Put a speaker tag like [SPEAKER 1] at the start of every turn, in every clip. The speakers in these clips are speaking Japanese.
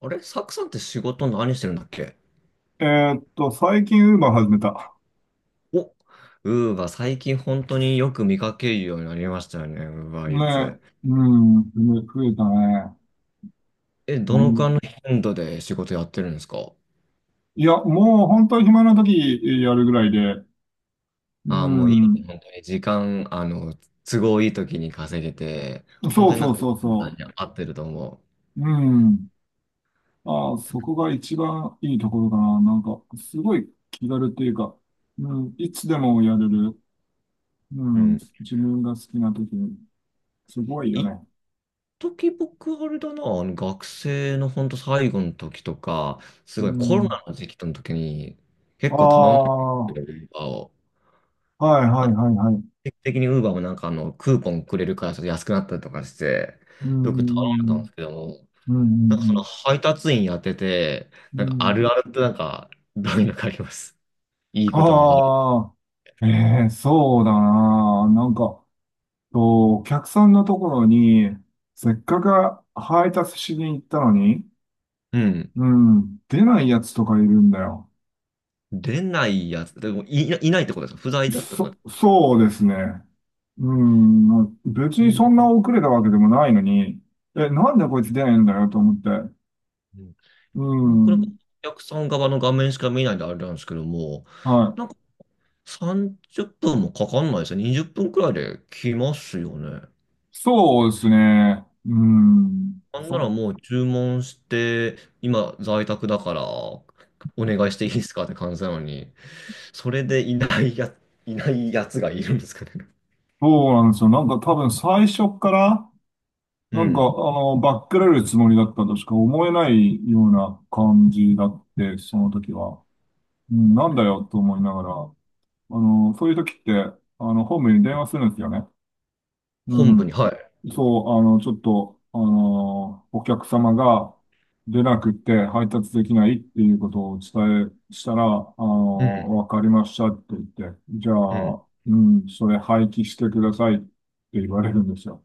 [SPEAKER 1] あれサクさんって仕事何してるんだっけ？
[SPEAKER 2] え最近ウーバー始めた。
[SPEAKER 1] お、ウーバー、最近本当によく見かけるようになりましたよね、ウーバーイー
[SPEAKER 2] ね、
[SPEAKER 1] ツ。
[SPEAKER 2] うん、ね増えたね。
[SPEAKER 1] え、
[SPEAKER 2] う
[SPEAKER 1] どのくらい
[SPEAKER 2] ん
[SPEAKER 1] の頻度で仕事やってるんですか？
[SPEAKER 2] いや、もう本当に暇な時やるぐらいで、う
[SPEAKER 1] ああもういいよね、
[SPEAKER 2] ん、
[SPEAKER 1] 本当に時間、都合いい時に稼げて、本
[SPEAKER 2] そ
[SPEAKER 1] 当
[SPEAKER 2] う
[SPEAKER 1] にな
[SPEAKER 2] そ
[SPEAKER 1] ん
[SPEAKER 2] う
[SPEAKER 1] か、
[SPEAKER 2] そうそ
[SPEAKER 1] 合ってると思
[SPEAKER 2] う、うん。あー、そこが一番いいところかな。なんか、すごい気軽っていうか、うん、いつでもやれる。う
[SPEAKER 1] う。う
[SPEAKER 2] ん、
[SPEAKER 1] ん。
[SPEAKER 2] 自分が好きな時に、すごいよ
[SPEAKER 1] 一
[SPEAKER 2] ね。
[SPEAKER 1] 時僕、あれだな、学生の本当最後の時とか、す
[SPEAKER 2] う
[SPEAKER 1] ごいコロ
[SPEAKER 2] ん。
[SPEAKER 1] ナの時期の時に、結
[SPEAKER 2] あ
[SPEAKER 1] 構頼んで
[SPEAKER 2] あ、は
[SPEAKER 1] る、ウーバーを。
[SPEAKER 2] いはいはいはい。
[SPEAKER 1] 定期的にウーバーもクーポンくれるからちょっと安くなったりとかして、
[SPEAKER 2] う
[SPEAKER 1] よく頼んでたんで
[SPEAKER 2] ん、
[SPEAKER 1] すけども、
[SPEAKER 2] うん、うん、うん、う
[SPEAKER 1] なんかその
[SPEAKER 2] ん。
[SPEAKER 1] 配達員やってて、
[SPEAKER 2] う
[SPEAKER 1] なん
[SPEAKER 2] んう
[SPEAKER 1] かある
[SPEAKER 2] ん
[SPEAKER 1] あるってなんか、どういうのかあります？いいことも悪い。
[SPEAKER 2] ああ、ええそうだな。なんか、とお客さんのところに、せっかく配達しに行ったのに、
[SPEAKER 1] うん。
[SPEAKER 2] うん、出ないやつとかいるんだよ。
[SPEAKER 1] 出ないやつ、でもい、いないってことですか？不在だってことですか？
[SPEAKER 2] そうですね。うん、まあ別
[SPEAKER 1] え
[SPEAKER 2] にそんな
[SPEAKER 1] ー
[SPEAKER 2] 遅れたわけでもないのに、え、なんでこいつ出ないんだよと思って。
[SPEAKER 1] うん。
[SPEAKER 2] う
[SPEAKER 1] なんかお
[SPEAKER 2] ん、
[SPEAKER 1] 客さん側の画面しか見ないんであれなんですけども、
[SPEAKER 2] は
[SPEAKER 1] なん
[SPEAKER 2] い。
[SPEAKER 1] か30分もかかんないですよ。20分くらいで来ますよね。
[SPEAKER 2] そうですね。
[SPEAKER 1] なんならもう注文して、今在宅だから、お願いしていいですかって感じなのに、それでいないやつがいるんですかね。
[SPEAKER 2] そうなんですよ。なんか多分最初っから、
[SPEAKER 1] うん。
[SPEAKER 2] バックられるつもりだったとしか思えないような感じだって、その時は。うん、なんだよと思いながら、そういう時って、ホームに電話するんですよね。う
[SPEAKER 1] 本部に、
[SPEAKER 2] ん。
[SPEAKER 1] はい。
[SPEAKER 2] そう、あの、ちょっと、あの、お客様が出なくて配達できないっていうことを伝え、したら、
[SPEAKER 1] うん。
[SPEAKER 2] わかりましたって言って、じゃ
[SPEAKER 1] うん。
[SPEAKER 2] あ、うん、それ廃棄してくださいって言われるんですよ。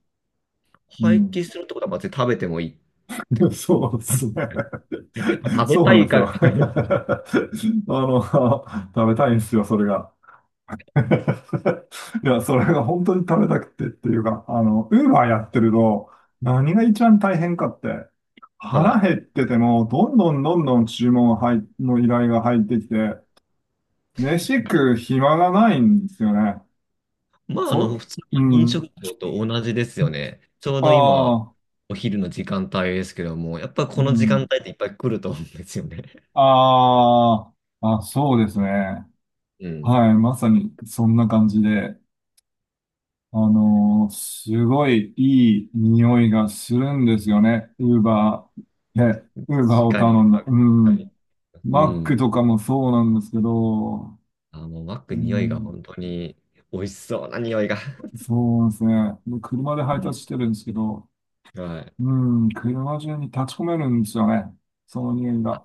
[SPEAKER 2] う
[SPEAKER 1] 廃
[SPEAKER 2] ん。
[SPEAKER 1] 棄するってことは、まあ、食べてもいいって こと。
[SPEAKER 2] そうです ね。
[SPEAKER 1] まあ、食べ
[SPEAKER 2] そう
[SPEAKER 1] た
[SPEAKER 2] なん
[SPEAKER 1] い
[SPEAKER 2] です
[SPEAKER 1] か
[SPEAKER 2] よ。
[SPEAKER 1] みたいな。
[SPEAKER 2] あの、食べたいんですよ、それが。いや、それが本当に食べたくてっていうか、ウーバーやってると、何が一番大変かって、
[SPEAKER 1] は
[SPEAKER 2] 腹
[SPEAKER 1] い。
[SPEAKER 2] 減ってても、どんどんどんどん注文が入の依頼が入ってきて、飯食う暇がないんですよね。
[SPEAKER 1] まあ、
[SPEAKER 2] そ、
[SPEAKER 1] 普通の
[SPEAKER 2] う
[SPEAKER 1] 飲
[SPEAKER 2] ん。
[SPEAKER 1] 食業と同じですよね。ちょう
[SPEAKER 2] あ
[SPEAKER 1] ど今、
[SPEAKER 2] あ、
[SPEAKER 1] お昼の時間帯ですけども、やっぱ
[SPEAKER 2] う
[SPEAKER 1] この時間
[SPEAKER 2] ん。
[SPEAKER 1] 帯っていっぱい来ると思うんですよね。
[SPEAKER 2] あそうですね。
[SPEAKER 1] うん。
[SPEAKER 2] はい、まさにそんな感じで。すごいいい匂いがするんですよね。ウーバー、え、ウーバー
[SPEAKER 1] 確
[SPEAKER 2] を
[SPEAKER 1] かに。
[SPEAKER 2] 頼んだ。
[SPEAKER 1] 確
[SPEAKER 2] う
[SPEAKER 1] かに。
[SPEAKER 2] ん。
[SPEAKER 1] う
[SPEAKER 2] マック
[SPEAKER 1] ん。
[SPEAKER 2] とかもそうなんですけど、
[SPEAKER 1] あ、もうマッ
[SPEAKER 2] う
[SPEAKER 1] ク匂いが
[SPEAKER 2] ん、
[SPEAKER 1] 本当に美味しそうな匂いが。
[SPEAKER 2] そうなんですね。僕車で配
[SPEAKER 1] うん。
[SPEAKER 2] 達してるんですけど、
[SPEAKER 1] はい。
[SPEAKER 2] うん、車中に立ち込めるんですよね。その匂いが。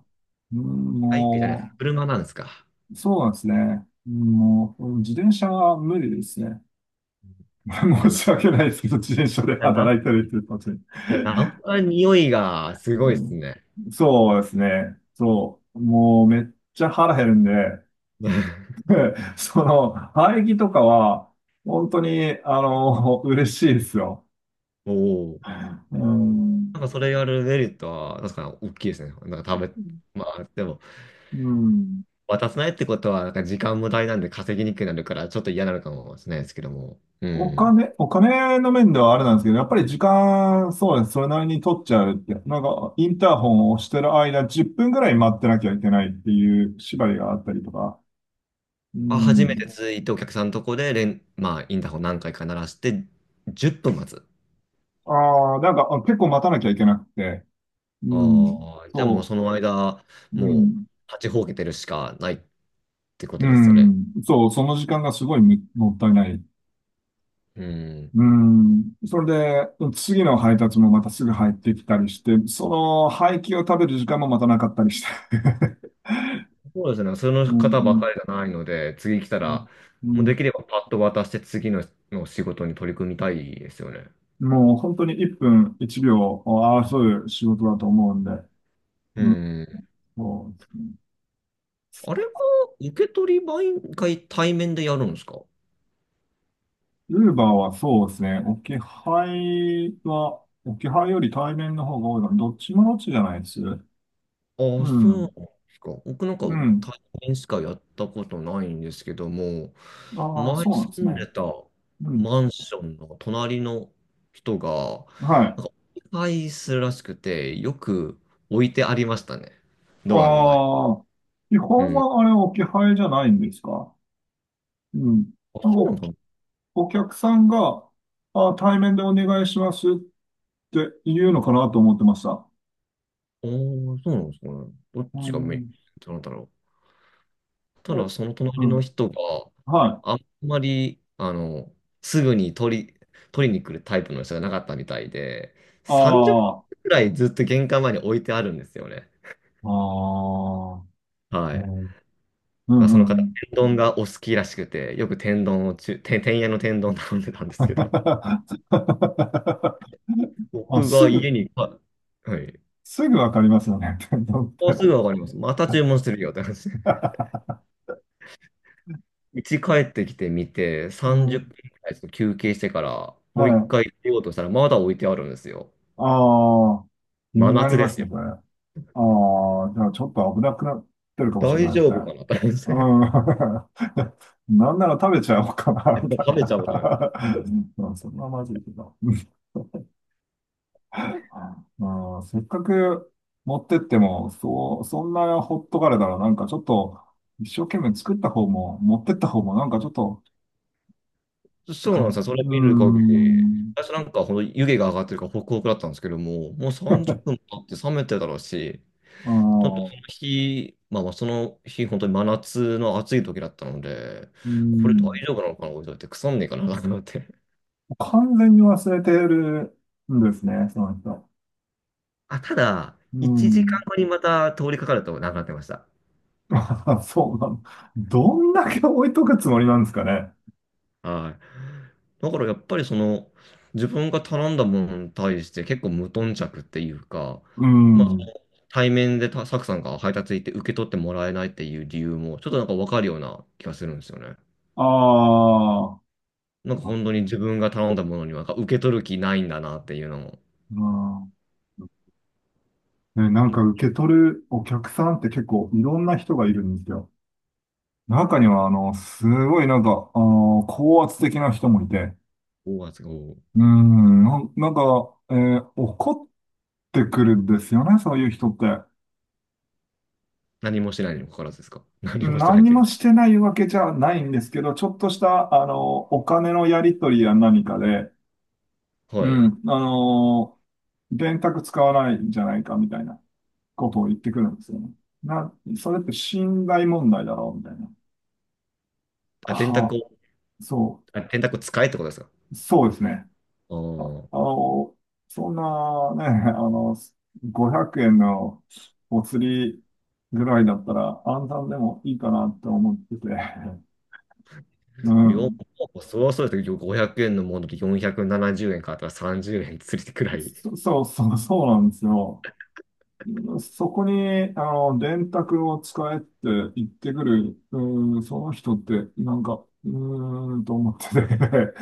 [SPEAKER 2] うん、
[SPEAKER 1] バイクじゃない、
[SPEAKER 2] も
[SPEAKER 1] 車なんですか？
[SPEAKER 2] う、そうなんですね。もう、自転車は無理ですね。
[SPEAKER 1] じゃ
[SPEAKER 2] 申
[SPEAKER 1] あ、な、
[SPEAKER 2] し
[SPEAKER 1] じ
[SPEAKER 2] 訳ないですけど、自転車で
[SPEAKER 1] ゃあ
[SPEAKER 2] 働
[SPEAKER 1] な、
[SPEAKER 2] いたりっていうこと
[SPEAKER 1] じゃあナンパの匂いがすごいですね。
[SPEAKER 2] そうですね。そう。もうめっちゃ腹減るんで、その、排気とかは、本当に、嬉しいですよ。
[SPEAKER 1] おお。
[SPEAKER 2] うん。
[SPEAKER 1] なんかそれやるメリットは、確かに大きいですね。なんか食べ、まあ、でも、
[SPEAKER 2] うん。
[SPEAKER 1] 渡さないってことは、なんか時間無駄になんで稼ぎにくくなるから、ちょっと嫌なのかもしれないですけども。う
[SPEAKER 2] お
[SPEAKER 1] ん。
[SPEAKER 2] 金、お金の面ではあれなんですけど、やっぱり時間、そうです。それなりに取っちゃうって。なんか、インターホンを押してる間、10分ぐらい待ってなきゃいけないっていう縛りがあったりとか。う
[SPEAKER 1] あ、初めて
[SPEAKER 2] ん。
[SPEAKER 1] ついてお客さんのとこでまあ、インターホン何回か鳴らして、10分待つ。
[SPEAKER 2] ああ、なんか、あ結構待たなきゃいけなくて。うん。
[SPEAKER 1] ああ、じゃあもう
[SPEAKER 2] そ
[SPEAKER 1] その間、
[SPEAKER 2] う。う
[SPEAKER 1] もう、
[SPEAKER 2] ん。
[SPEAKER 1] 立ちほうけてるしかないってこと
[SPEAKER 2] う
[SPEAKER 1] ですよね。
[SPEAKER 2] ん。そう、その時間がすごいむもったいない。
[SPEAKER 1] うん。
[SPEAKER 2] うん。それで、次の配達もまたすぐ入ってきたりして、その廃棄を食べる時間もまたなかったりして。
[SPEAKER 1] そうですね。そ
[SPEAKER 2] う
[SPEAKER 1] の
[SPEAKER 2] んう
[SPEAKER 1] 方ばか
[SPEAKER 2] ん
[SPEAKER 1] りじゃないので、次来た
[SPEAKER 2] うん
[SPEAKER 1] ら、
[SPEAKER 2] う
[SPEAKER 1] もうで
[SPEAKER 2] ん
[SPEAKER 1] きればパッと渡しての仕事に取り組みたいですよね。
[SPEAKER 2] もう本当に1分1秒を争う仕事だと思うんで。
[SPEAKER 1] う
[SPEAKER 2] うん、
[SPEAKER 1] ん。
[SPEAKER 2] そうですね。
[SPEAKER 1] あれは、受け取り毎回対面でやるんですか？
[SPEAKER 2] ウーバーはそうですね。置き配は、置き配より対面の方が多いから、どっちもどっちじゃないです。う
[SPEAKER 1] ああ、そうなんで
[SPEAKER 2] ん。
[SPEAKER 1] すか。僕なんか
[SPEAKER 2] うん。
[SPEAKER 1] 対面しかやったことないんですけども、
[SPEAKER 2] ああ、
[SPEAKER 1] 前
[SPEAKER 2] そうなんで
[SPEAKER 1] 住
[SPEAKER 2] す
[SPEAKER 1] んで
[SPEAKER 2] ね。
[SPEAKER 1] た
[SPEAKER 2] うん。
[SPEAKER 1] マンションの隣の人が、
[SPEAKER 2] はい。
[SPEAKER 1] なんか、お願いするらしくて、よく置いてありましたね。ドアの前。
[SPEAKER 2] ああ、基
[SPEAKER 1] う
[SPEAKER 2] 本
[SPEAKER 1] ん。
[SPEAKER 2] はあれ置き配じゃないんですか？うん。
[SPEAKER 1] あ、
[SPEAKER 2] なんか
[SPEAKER 1] そうなのかな？
[SPEAKER 2] お客さんが、あ、対面でお願いしますって言うのかなと思ってました。
[SPEAKER 1] ああ、そうなんですかね。どっ
[SPEAKER 2] う
[SPEAKER 1] ちがメイン
[SPEAKER 2] ん。
[SPEAKER 1] なんだろ？
[SPEAKER 2] え
[SPEAKER 1] ただその
[SPEAKER 2] う
[SPEAKER 1] 隣の
[SPEAKER 2] ん。
[SPEAKER 1] 人が
[SPEAKER 2] はい。
[SPEAKER 1] あんまり、すぐに取りに来るタイプの人がなかったみたいで、30
[SPEAKER 2] あ
[SPEAKER 1] 分くらいずっと玄関前に置いてあるんですよね。
[SPEAKER 2] あ、あ
[SPEAKER 1] は
[SPEAKER 2] あ、
[SPEAKER 1] い。
[SPEAKER 2] ね、う
[SPEAKER 1] まあ、
[SPEAKER 2] んう
[SPEAKER 1] その
[SPEAKER 2] んう
[SPEAKER 1] 方、
[SPEAKER 2] ん。
[SPEAKER 1] 天丼がお好きらしくて、よく天丼をちゅ、て天屋の天丼頼んでたんですけど、
[SPEAKER 2] あ、
[SPEAKER 1] 僕
[SPEAKER 2] す
[SPEAKER 1] が家
[SPEAKER 2] ぐ、
[SPEAKER 1] に、あはい。
[SPEAKER 2] すぐわかりますよね。
[SPEAKER 1] もうす ぐわかります。また注文するよって話。家帰ってきてみて、
[SPEAKER 2] う
[SPEAKER 1] 30
[SPEAKER 2] ん。
[SPEAKER 1] 分くらいちょっと休憩してから、
[SPEAKER 2] は
[SPEAKER 1] もう一
[SPEAKER 2] い。
[SPEAKER 1] 回出ようとしたら、まだ置いてあるんですよ。
[SPEAKER 2] ああ、気
[SPEAKER 1] 真
[SPEAKER 2] になり
[SPEAKER 1] 夏
[SPEAKER 2] ま
[SPEAKER 1] で
[SPEAKER 2] す
[SPEAKER 1] すよ。
[SPEAKER 2] ね、これ。ああ、じゃあちょっと危なくなってるかもしれ
[SPEAKER 1] 大
[SPEAKER 2] ないで
[SPEAKER 1] 丈
[SPEAKER 2] すね。
[SPEAKER 1] 夫かなって感じ
[SPEAKER 2] う
[SPEAKER 1] です。
[SPEAKER 2] ん。なんなら食べちゃおうかな、み たい
[SPEAKER 1] 食べちゃうから。
[SPEAKER 2] な。うんそんなまずいけど。うん、せっかく持ってっても、そう、そんなほっとかれたら、なんかちょっと、一生懸命作った方も、持ってった方も、なんかちょっと、
[SPEAKER 1] そうな
[SPEAKER 2] か、
[SPEAKER 1] んですよ。そ
[SPEAKER 2] う
[SPEAKER 1] れ
[SPEAKER 2] ー
[SPEAKER 1] 見る限り。
[SPEAKER 2] ん、
[SPEAKER 1] 最初なんか、ほんと湯気が上がってるからホクホクだったんですけども、もう30分経って冷めてたろうし、
[SPEAKER 2] あ
[SPEAKER 1] ちょっとその
[SPEAKER 2] ー
[SPEAKER 1] 日、本当に真夏の暑い時だったので、
[SPEAKER 2] うー
[SPEAKER 1] これ大
[SPEAKER 2] ん、
[SPEAKER 1] 丈夫なのかな、置いといて、腐んねえかなと思って。
[SPEAKER 2] 完全に忘れてるんですね、その人。
[SPEAKER 1] あ、ただ、
[SPEAKER 2] うー
[SPEAKER 1] 1時間
[SPEAKER 2] ん
[SPEAKER 1] 後にまた通りかかるとなくなってました。
[SPEAKER 2] あ、そうなの。どんだけ置いとくつもりなんですかね。
[SPEAKER 1] はい。だからやっぱりその、自分が頼んだものに対して結構無頓着っていうか、
[SPEAKER 2] う
[SPEAKER 1] まあ、
[SPEAKER 2] ん。
[SPEAKER 1] 対面でたサクさんが配達行って受け取ってもらえないっていう理由も、ちょっとなんかわかるような気がするんですよね。
[SPEAKER 2] ああ、
[SPEAKER 1] なんか本当に自分が頼んだものにはなんか受け取る気ないんだなっていうのも、
[SPEAKER 2] うんね、なんか受
[SPEAKER 1] 僕
[SPEAKER 2] け取るお客さんって結構いろんな人がいるんですよ。中には、あの、すごいなんか、あの、高圧的な人もいて、
[SPEAKER 1] はすつが
[SPEAKER 2] うん、怒ってくるんですよね、そういう人って。
[SPEAKER 1] 何もしてないにもかかわらずですか？何もしてないっ
[SPEAKER 2] 何
[SPEAKER 1] ていう
[SPEAKER 2] も
[SPEAKER 1] か。
[SPEAKER 2] してないわけじゃないんですけど、ちょっとした、お金のやり取りや何かで、う
[SPEAKER 1] はい。
[SPEAKER 2] ん、電卓使わないんじゃないかみたいなことを言ってくるんですよね。な、それって信頼問題だろうみたいな。
[SPEAKER 1] あ、電卓
[SPEAKER 2] は
[SPEAKER 1] を、
[SPEAKER 2] あ、
[SPEAKER 1] あ、電卓使えってことですか？
[SPEAKER 2] そうですね。
[SPEAKER 1] ああ
[SPEAKER 2] あ、あ
[SPEAKER 1] ー。
[SPEAKER 2] の、そんなね、あの、500円のお釣りぐらいだったら暗算でもいいかなって思ってて。う
[SPEAKER 1] よ、
[SPEAKER 2] ん。
[SPEAKER 1] そうそうですけど、500円のもので470円買ったら30円つりてくらい。い
[SPEAKER 2] そうなんですよ。そこに、電卓を使えって言ってくる、うーん、その人って、なんか、うーん、と思ってて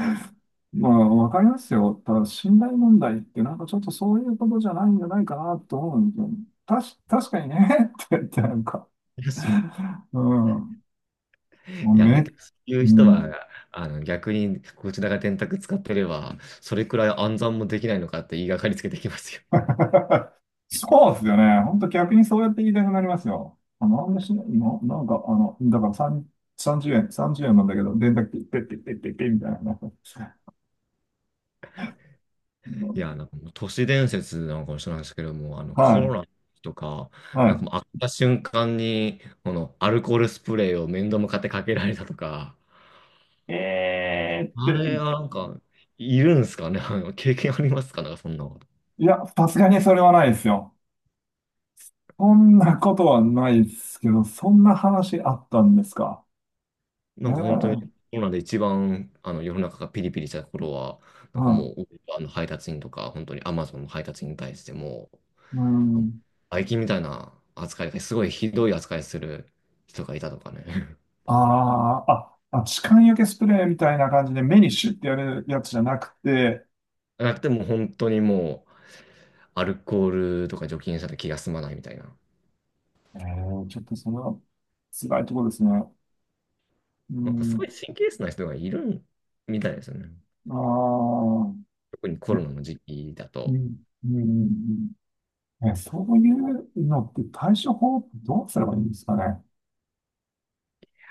[SPEAKER 2] まあ、わかりますよ。ただ、信頼問題って、なんかちょっとそういうことじゃないんじゃないかなと思うんですよねたし、確かにね って言って、なんか、
[SPEAKER 1] やし
[SPEAKER 2] うん、もう
[SPEAKER 1] いや、だ
[SPEAKER 2] め、
[SPEAKER 1] けど、そう
[SPEAKER 2] う
[SPEAKER 1] いう人
[SPEAKER 2] ん、
[SPEAKER 1] は、逆に、こちらが電卓使ってれば、それくらい暗算もできないのかって言いがかりつけてきますよ。
[SPEAKER 2] そうですよね。本当逆にそうやって言いたくなりますよ。あ、なんでしないのなんか、だから3、30円、30円なんだけど、電卓っペッペッペッペッペッみたいな。
[SPEAKER 1] いや、なんかもう都市伝説なのかもしれないですけども、
[SPEAKER 2] は
[SPEAKER 1] コロナ
[SPEAKER 2] い、
[SPEAKER 1] とか、
[SPEAKER 2] は
[SPEAKER 1] なん
[SPEAKER 2] い。
[SPEAKER 1] かもう、開けた瞬間に、この、アルコールスプレーを面倒向かってかけられたとか、
[SPEAKER 2] えー
[SPEAKER 1] あ
[SPEAKER 2] って、
[SPEAKER 1] れはなんか、いるんですかね？ あの経験ありますか？なんか、そんなこと。
[SPEAKER 2] いや、さすがにそれはないですよ。そんなことはないですけど、そんな話あったんですか？え
[SPEAKER 1] な
[SPEAKER 2] え
[SPEAKER 1] んか本当に
[SPEAKER 2] は
[SPEAKER 1] コロナで一番世の中がピリピリした頃は、なんかも
[SPEAKER 2] い。
[SPEAKER 1] う配達員とか、本当にアマゾンの配達員に対しても、
[SPEAKER 2] うん。
[SPEAKER 1] バイキンみたいな扱い、すごいひどい扱いする人がいたとかね。
[SPEAKER 2] あーあ、あ、痴漢除けスプレーみたいな感じで目にシュッてやるやつじゃなくて、
[SPEAKER 1] なくても本当にもうアルコールとか除菌したら気が済まないみたいな。
[SPEAKER 2] えー、ちょっとそれは辛いところですね。う
[SPEAKER 1] なんかす
[SPEAKER 2] ん、
[SPEAKER 1] ごい神経質な人がいるみたいですよね。
[SPEAKER 2] ああ、
[SPEAKER 1] 特にコロ
[SPEAKER 2] え、
[SPEAKER 1] ナの時期だ
[SPEAKER 2] うん、
[SPEAKER 1] と、
[SPEAKER 2] うん、うんうんえ、そういうのって対処法どうすればいいんですかね？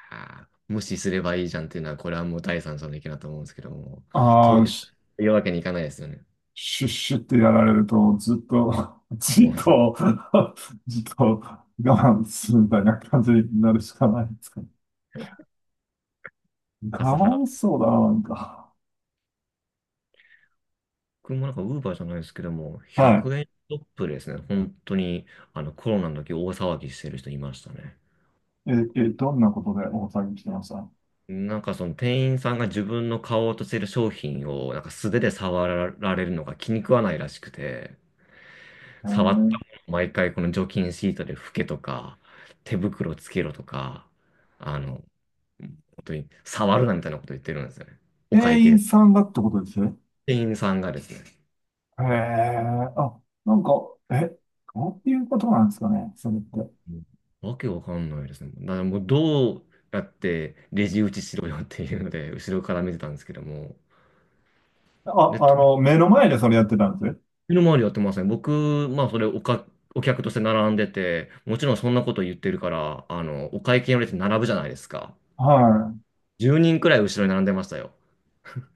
[SPEAKER 1] あー無視すればいいじゃんっていうのは、これはもう第三者の意見だと思うんですけども、
[SPEAKER 2] あ
[SPEAKER 1] 当
[SPEAKER 2] あ、
[SPEAKER 1] 日、
[SPEAKER 2] シ
[SPEAKER 1] 言うわけにいかないですよね。
[SPEAKER 2] ュッシュッってやられると、ずっと、じ
[SPEAKER 1] も
[SPEAKER 2] っ
[SPEAKER 1] う、
[SPEAKER 2] と、じっと我慢するみたいな感じになるしかないんですかね。か
[SPEAKER 1] 笠原。
[SPEAKER 2] わいそうだな、なんか。
[SPEAKER 1] 僕もなんか、ウーバーじゃないですけども、
[SPEAKER 2] はい。
[SPEAKER 1] 100円ショップですね。本当に、コロナの時大騒ぎしてる人いましたね。
[SPEAKER 2] え、え、どんなことで大騒ぎしてました？
[SPEAKER 1] なんかその店員さんが自分の買おうとしてる商品をなんか素手で触られるのが気に食わないらしくて、
[SPEAKER 2] え
[SPEAKER 1] 触っ
[SPEAKER 2] ー、
[SPEAKER 1] たものを毎回この除菌シートで拭けとか、手袋つけろとか、あの、本当に触るなみたいなこと言ってるんですよね。お会
[SPEAKER 2] 店員
[SPEAKER 1] 計。
[SPEAKER 2] さんがってことです
[SPEAKER 1] 店員さんがですね。
[SPEAKER 2] へえ、あ、なんか、え、どういうことなんですかね、それって？
[SPEAKER 1] わけわかんないですね。だからもうどうやってレジ打ちしろよっていうので、後ろから見てたんですけども。
[SPEAKER 2] あ、
[SPEAKER 1] で、とっ
[SPEAKER 2] 目の前でそれやってたんです。
[SPEAKER 1] の周りやってません。僕、まあそれおか、お客として並んでて、もちろんそんなこと言ってるから、お会計の列並ぶじゃないですか。
[SPEAKER 2] は
[SPEAKER 1] 10人くらい後ろに並んでましたよ。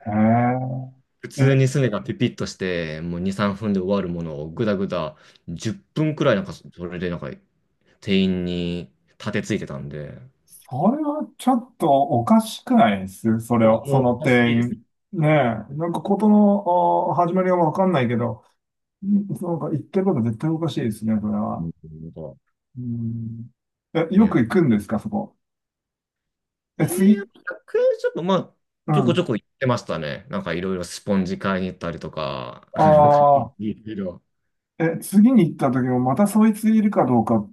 [SPEAKER 2] い。
[SPEAKER 1] 普
[SPEAKER 2] へえ、
[SPEAKER 1] 通
[SPEAKER 2] え、
[SPEAKER 1] にすねがピピッとして、もう2、3分で終わるものをぐだぐだ10分くらいなんかそれでなんか店員に立てついてたんで、
[SPEAKER 2] それはちょっとおかしくないですそれ
[SPEAKER 1] あも
[SPEAKER 2] を、そ
[SPEAKER 1] う
[SPEAKER 2] の
[SPEAKER 1] おかし
[SPEAKER 2] 店
[SPEAKER 1] いですね。
[SPEAKER 2] 員。ねえ、なんかことの、あ始まりはわかんないけど、んなんか言ってること絶対おかしいですね、それ
[SPEAKER 1] う
[SPEAKER 2] は。
[SPEAKER 1] ん。
[SPEAKER 2] うん。え、
[SPEAKER 1] い
[SPEAKER 2] よく
[SPEAKER 1] や
[SPEAKER 2] 行くんですか、そこ？え、
[SPEAKER 1] いや、
[SPEAKER 2] 次。
[SPEAKER 1] 100円ショップ、まあ、
[SPEAKER 2] う
[SPEAKER 1] ちょこち
[SPEAKER 2] ん。
[SPEAKER 1] ょこ行ってましたね。なんかいろいろスポンジ買いに行ったりとか、なんか
[SPEAKER 2] あ
[SPEAKER 1] い
[SPEAKER 2] あ、
[SPEAKER 1] ろいろ。
[SPEAKER 2] え、次に行った時もまたそいついるかどうかっ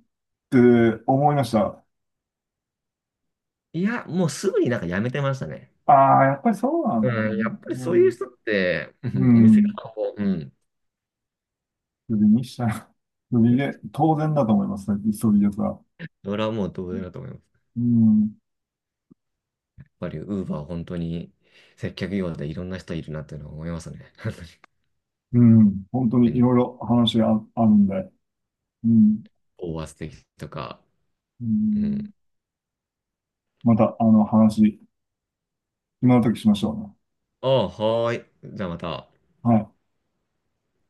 [SPEAKER 2] て思いました。
[SPEAKER 1] いや、もうすぐになんかやめてましたね。
[SPEAKER 2] ああ、やっぱりそうなん、
[SPEAKER 1] うん、やっぱり
[SPEAKER 2] う
[SPEAKER 1] そういう
[SPEAKER 2] ん、
[SPEAKER 1] 人って、う
[SPEAKER 2] う
[SPEAKER 1] んお店
[SPEAKER 2] ん、
[SPEAKER 1] 側も、うん、
[SPEAKER 2] クビにしたら、クビで、当然だと思いますね、そういうやつは。
[SPEAKER 1] それはもう同然だと思います。
[SPEAKER 2] うん、
[SPEAKER 1] やっぱりウーバー本当に接客業でいろんな人いるなっていうのは思いますね。本
[SPEAKER 2] うん、本当
[SPEAKER 1] 当
[SPEAKER 2] にい
[SPEAKER 1] に。
[SPEAKER 2] ろいろ話があ、あるんで、うん、
[SPEAKER 1] オーバーステーキとか。
[SPEAKER 2] う
[SPEAKER 1] う
[SPEAKER 2] ん、
[SPEAKER 1] ん。
[SPEAKER 2] また、話、今の時しましょ
[SPEAKER 1] ああ、はーい。じゃあまた。
[SPEAKER 2] うね。はい。